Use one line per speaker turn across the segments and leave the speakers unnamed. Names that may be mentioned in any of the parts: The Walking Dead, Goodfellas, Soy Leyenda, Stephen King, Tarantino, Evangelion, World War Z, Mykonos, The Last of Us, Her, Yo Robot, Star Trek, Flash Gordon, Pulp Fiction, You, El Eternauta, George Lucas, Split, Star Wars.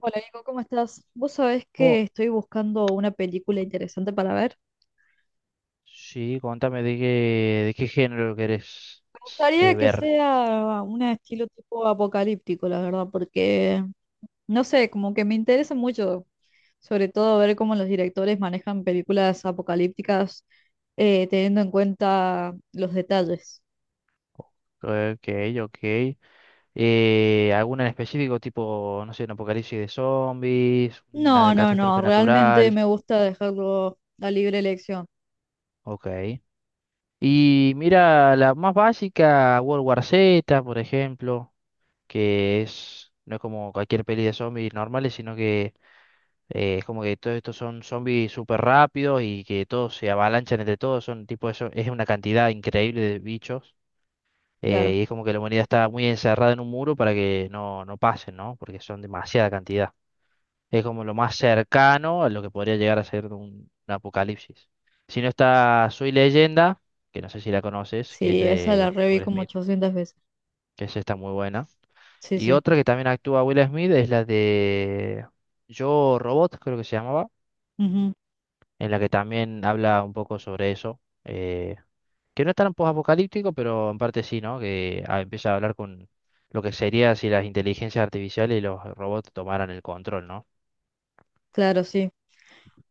Hola, Nico, ¿cómo estás? Vos sabés
Oh,
que estoy buscando una película interesante para ver.
sí, contame de qué género querés
Me gustaría que
ver.
sea un estilo tipo apocalíptico, la verdad, porque no sé, como que me interesa mucho, sobre todo ver cómo los directores manejan películas apocalípticas teniendo en cuenta los detalles.
Ok, ok. ¿Alguna en específico, tipo, no sé, un apocalipsis de zombies, una de
No, no,
catástrofe
no, realmente
natural?
me gusta dejarlo a libre elección,
Ok. Y mira, la más básica, World War Z, por ejemplo, que es, no es como cualquier peli de zombies normales, sino que es como que todos estos son zombies súper rápidos y que todos se avalanchan entre todos, son tipo eso, es una cantidad increíble de bichos.
claro.
Y es como que la humanidad está muy encerrada en un muro para que no, no pasen, ¿no? Porque son demasiada cantidad. Es como lo más cercano a lo que podría llegar a ser un apocalipsis. Si no está Soy Leyenda, que no sé si la conoces, que es
Sí, esa la
de
reví
Will
como
Smith,
800 veces.
que es esta muy buena.
Sí,
Y
sí.
otra que también actúa Will Smith es la de Yo Robot, creo que se llamaba, en la que también habla un poco sobre eso. Que no es tan post-apocalíptico, pero en parte sí, ¿no? Que ah, empieza a hablar con lo que sería si las inteligencias artificiales y los robots tomaran el control, ¿no?
Claro, sí.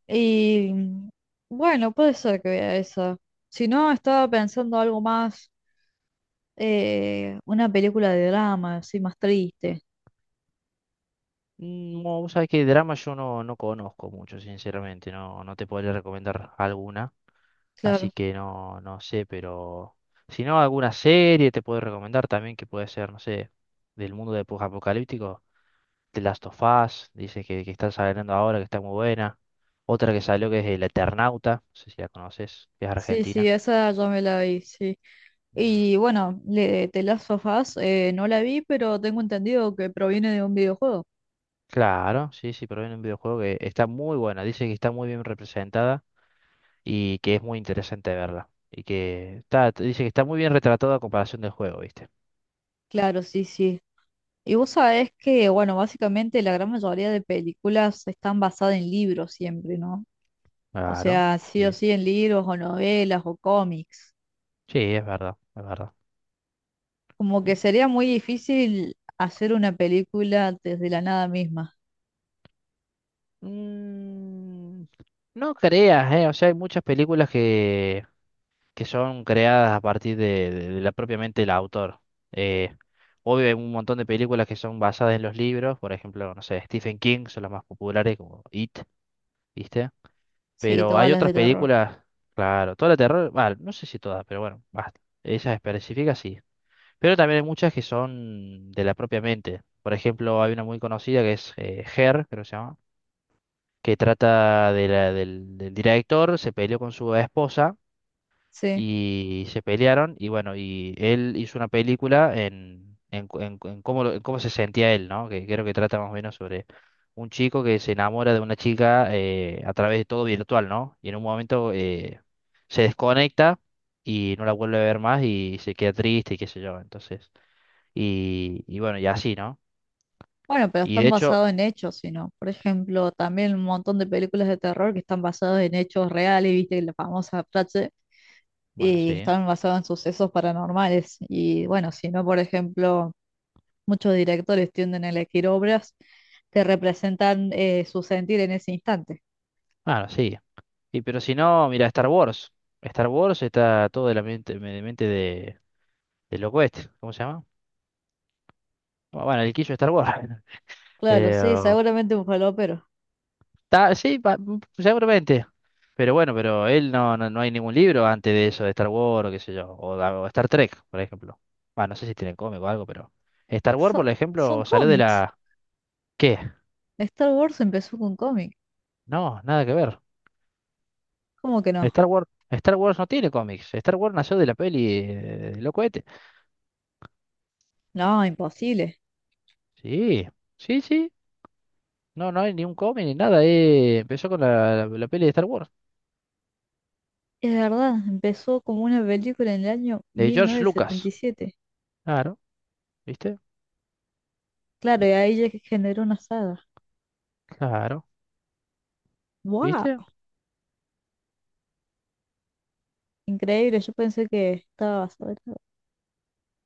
Y bueno, puede ser que vea esa. Si no, estaba pensando algo más, una película de drama, así más triste.
No, vos sabés que drama yo no, no conozco mucho, sinceramente, no, no te podría recomendar alguna, así
Claro.
que no, no sé, pero si no, alguna serie te puedo recomendar también que puede ser, no sé, del mundo de post-apocalíptico, The Last of Us, dice que está saliendo ahora, que está muy buena. Otra que salió que es El Eternauta, no sé si la conoces, que es
Sí, sí,
argentina.
esa ya me la vi, sí.
Mm.
Y bueno, le, The Last of Us, no la vi, pero tengo entendido que proviene de un videojuego.
Claro, sí, sí, pero en un videojuego que está muy buena. Dice que está muy bien representada y que es muy interesante verla. Y que está, dice que está muy bien retratada a comparación del juego, ¿viste?
Claro, sí, sí. Y vos sabés que, bueno, básicamente la gran mayoría de películas están basadas en libros siempre, ¿no? O
Claro,
sea, sí o
sí.
sí en libros o novelas o cómics.
Sí, es verdad, es verdad.
Como que
Y-
sería muy difícil hacer una película desde la nada misma.
Mm, no creas, ¿eh? O sea, hay muchas películas que son creadas a partir de la propiamente el autor. Eh, Obvio, hay un montón de películas que son basadas en los libros, por ejemplo, no sé, Stephen King son las más populares, como It, ¿viste?
Sí,
Pero
todas
hay
las
otras
de terror.
películas, claro, toda la terror, bueno, no sé si todas, pero bueno, basta. Esas específicas sí. Pero también hay muchas que son de la propia mente. Por ejemplo, hay una muy conocida que es Her, creo que se llama, que trata de la- del, del director, se peleó con su esposa
Sí.
y se pelearon y bueno, y él hizo una película en, cu- en cu- en cómo, lo- en cómo se sentía él, ¿no? Que creo que trata más o menos sobre un chico que se enamora de una chica a través de todo virtual, ¿no? Y en un momento se desconecta y no la vuelve a ver más y se queda triste y qué sé yo, entonces. Y bueno, y así, ¿no?
Bueno, pero
Y
están
de hecho,
basados en hechos, sino, por ejemplo, también un montón de películas de terror que están basadas en hechos reales, viste, la famosa frase,
bueno,
y
sí,
están basadas en sucesos paranormales. Y bueno, si no, por ejemplo, muchos directores tienden a elegir obras que representan su sentir en ese instante.
bueno, sí. Y pero si no, mira, Star Wars. Star Wars está todo de la mente de, del loco este, ¿cómo se llama? Bueno, el quiso Star Wars.
Claro, sí,
Pero,
seguramente un falopero.
ta- sí, pa- seguramente. Pero bueno, pero él no, no, no hay ningún libro antes de eso, de Star Wars, o qué sé yo, o, de- o Star Trek, por ejemplo. Bueno, no sé si tienen cómic o algo, pero Star Wars,
So-
por
son
ejemplo, salió de
cómics.
la... ¿Qué?
Star Wars empezó con cómic.
No, nada que ver.
¿Cómo que no?
Star Wars, Star Wars no tiene cómics. Star Wars nació de la peli de los cohetes.
No, imposible.
Sí, sí, sí. No, no hay ni un cómic ni nada. Empezó con la, la peli de Star Wars,
Es verdad, empezó como una película en el año
de George Lucas.
1977.
Claro, ¿viste?
Claro, y ahí ya que generó una saga.
Claro.
¡Wow!
¿Viste?
Increíble, yo pensé que estaba basado en algo.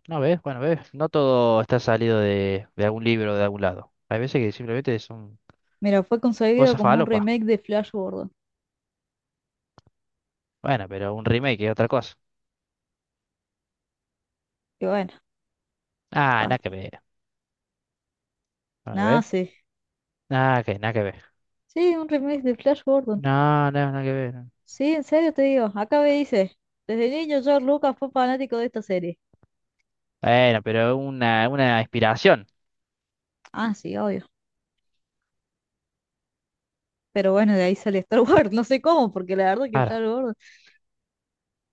No ves, bueno, ves, no todo está salido de algún libro o de algún lado. Hay veces que simplemente son
Mira, fue concebido
cosas
como un
falopas.
remake de Flash Gordon.
Bueno, pero un remake es otra cosa.
Y bueno,
Ah, nada que
pasa.
ver. Bueno,
Nada,
¿ves?
sí.
Nada que, nada que ver.
Sí, un remake de Flash Gordon.
No, no, nada que ver.
Sí, en serio te digo. Acá me dice, desde niño George Lucas fue fanático de esta serie.
Bueno, pero una inspiración.
Ah, sí, obvio. Pero bueno, de ahí sale Star Wars, no sé cómo, porque la verdad que
Claro.
Star Wars,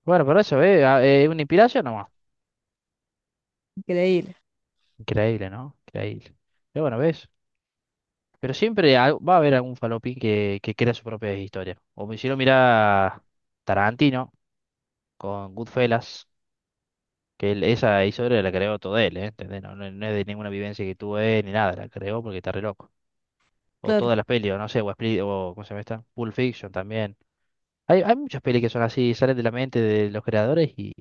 Bueno, por eso, ¿ves? Ah, una inspiración nomás.
increíble,
Increíble, ¿no? Increíble. Pero bueno, ¿ves? Pero siempre al- va a haber algún falopín que crea su propia historia. O me hicieron mirar Tarantino con Goodfellas. Que él- esa historia la creó todo él, ¿eh? ¿Entendés? No, no- no es de ninguna vivencia que tuvo él ni nada, la creó porque está re loco. O
claro.
todas las pelis, o no sé, o, Split, o ¿cómo se llama esta? Pulp Fiction también. Hay muchas pelis que son así, salen de la mente de los creadores y,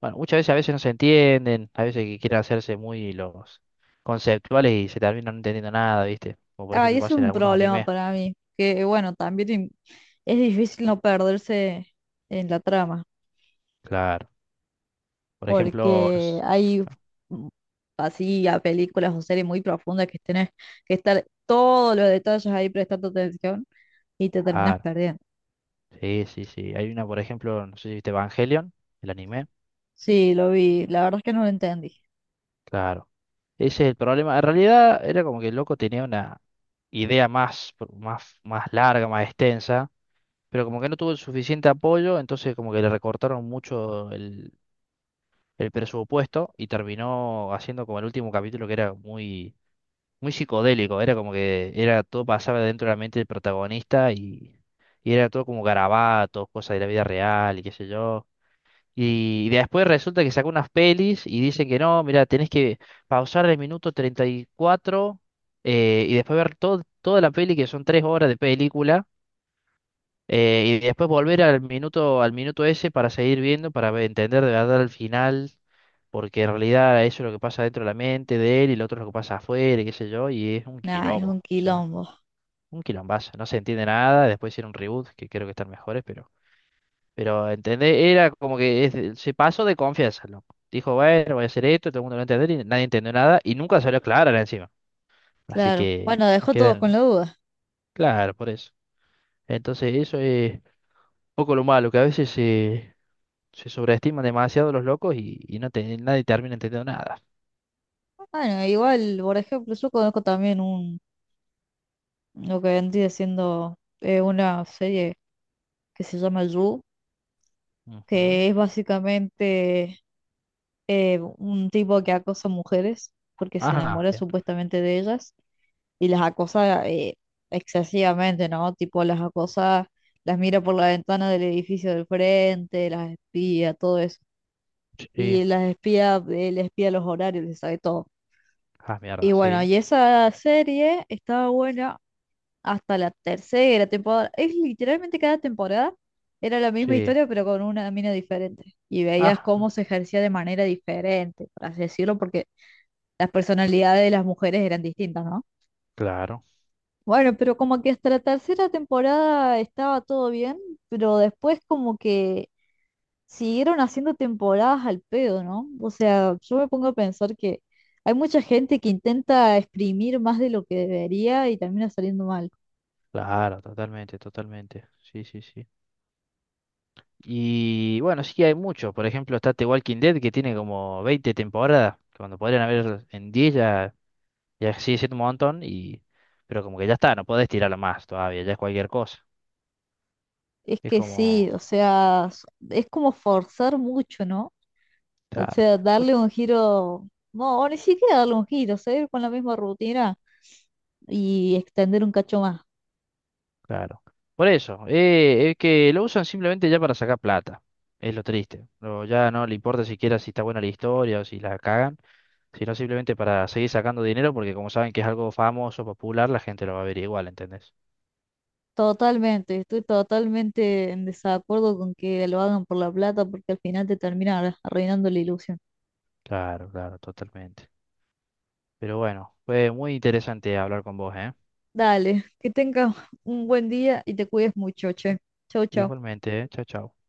bueno, muchas veces a veces no se entienden, a veces que quieren hacerse muy los conceptuales y se terminan no entendiendo nada, ¿viste? Como por
Ah, y
ejemplo
eso es
pasa en
un
algunos
problema
animes.
para mí, que bueno, también es difícil no perderse en la trama,
Claro. Por ejemplo, no
porque
sé-
hay mm, así a películas o series muy profundas que tenés que estar todos los detalles ahí prestando atención y te terminas
claro.
perdiendo.
Sí, sí, sí. Hay una, por ejemplo, no sé si viste Evangelion, el anime.
Sí, lo vi, la verdad es que no lo entendí.
Claro. Ese es el problema. En realidad era como que el loco tenía una idea más, más, más larga, más extensa, pero como que no tuvo el suficiente apoyo, entonces como que le recortaron mucho el presupuesto y terminó haciendo como el último capítulo que era muy, muy psicodélico. Era como que era todo pasaba dentro de la mente del protagonista y era todo como garabatos, cosas de la vida real y qué sé yo. Y después resulta que sacó unas pelis y dice que no, mira, tenés que pausar el minuto 34 y después ver todo, toda la peli, que son tres horas de película, y después volver al minuto ese para seguir viendo, para ve- entender de verdad el final, porque en realidad eso es lo que pasa dentro de la mente de él y lo otro es lo que pasa afuera, y qué sé yo, y es un
Nah, es
quilombo, o
un
sea,
quilombo,
un quilombazo, no se entiende nada, después hicieron un reboot, que creo que están mejores, pero... Pero, ¿entendés? Era como que es- se pasó de confianza, loco. Dijo, bueno, voy a hacer esto, todo el mundo lo va a entender, y nadie entendió nada, y nunca salió clara encima. Así
claro.
que,
Bueno, dejó todos con
quedan
la duda.
claro, por eso. Entonces, eso es un poco lo malo, que a veces se, se sobreestiman demasiado los locos y no te- nadie termina entendiendo nada.
Bueno, igual, por ejemplo, yo conozco también un lo que vendría siendo una serie que se llama You, que
Ujú.
es básicamente un tipo que acosa mujeres porque se
Ajá,
enamora
bien.
supuestamente de ellas y las acosa excesivamente, ¿no? Tipo las acosa, las mira por la ventana del edificio del frente, las espía, todo eso.
Sí.
Y las espía, él espía los horarios, les sabe todo.
Ah,
Y
mierda,
bueno,
sí.
y esa serie estaba buena hasta la tercera temporada. Es literalmente cada temporada era la misma
Sí.
historia, pero con una mina diferente. Y veías
Ah,
cómo se ejercía de manera diferente, por así decirlo, porque las personalidades de las mujeres eran distintas, ¿no?
claro,
Bueno, pero como que hasta la tercera temporada estaba todo bien, pero después como que siguieron haciendo temporadas al pedo, ¿no? O sea, yo me pongo a pensar que hay mucha gente que intenta exprimir más de lo que debería y termina saliendo mal.
claro, totalmente, totalmente. Sí, sí, sí. Y bueno, sí que hay muchos. Por ejemplo, está The Walking Dead, que tiene como 20 temporadas, cuando podrían haber en 10 ya, ya sigue siendo un montón, y, pero como que ya está, no podés tirarlo más todavía, ya es cualquier cosa.
Es
Es
que sí,
como,
o sea, es como forzar mucho, ¿no? O
claro,
sea,
muy
darle un giro, no, o ni siquiera darle un giro, seguir con la misma rutina y extender un cacho más.
claro. Por eso, es que lo usan simplemente ya para sacar plata. Es lo triste. No, ya no le importa siquiera si está buena la historia o si la cagan, sino simplemente para seguir sacando dinero, porque como saben que es algo famoso, popular, la gente lo va a ver igual, ¿entendés?
Totalmente, estoy totalmente en desacuerdo con que lo hagan por la plata porque al final te termina arruinando la ilusión.
Claro, claro, totalmente. Pero bueno, fue muy interesante hablar con vos, ¿eh?
Dale, que tengas un buen día y te cuides mucho, che. Chau, chau.
Igualmente, ¿eh? Chao, chao.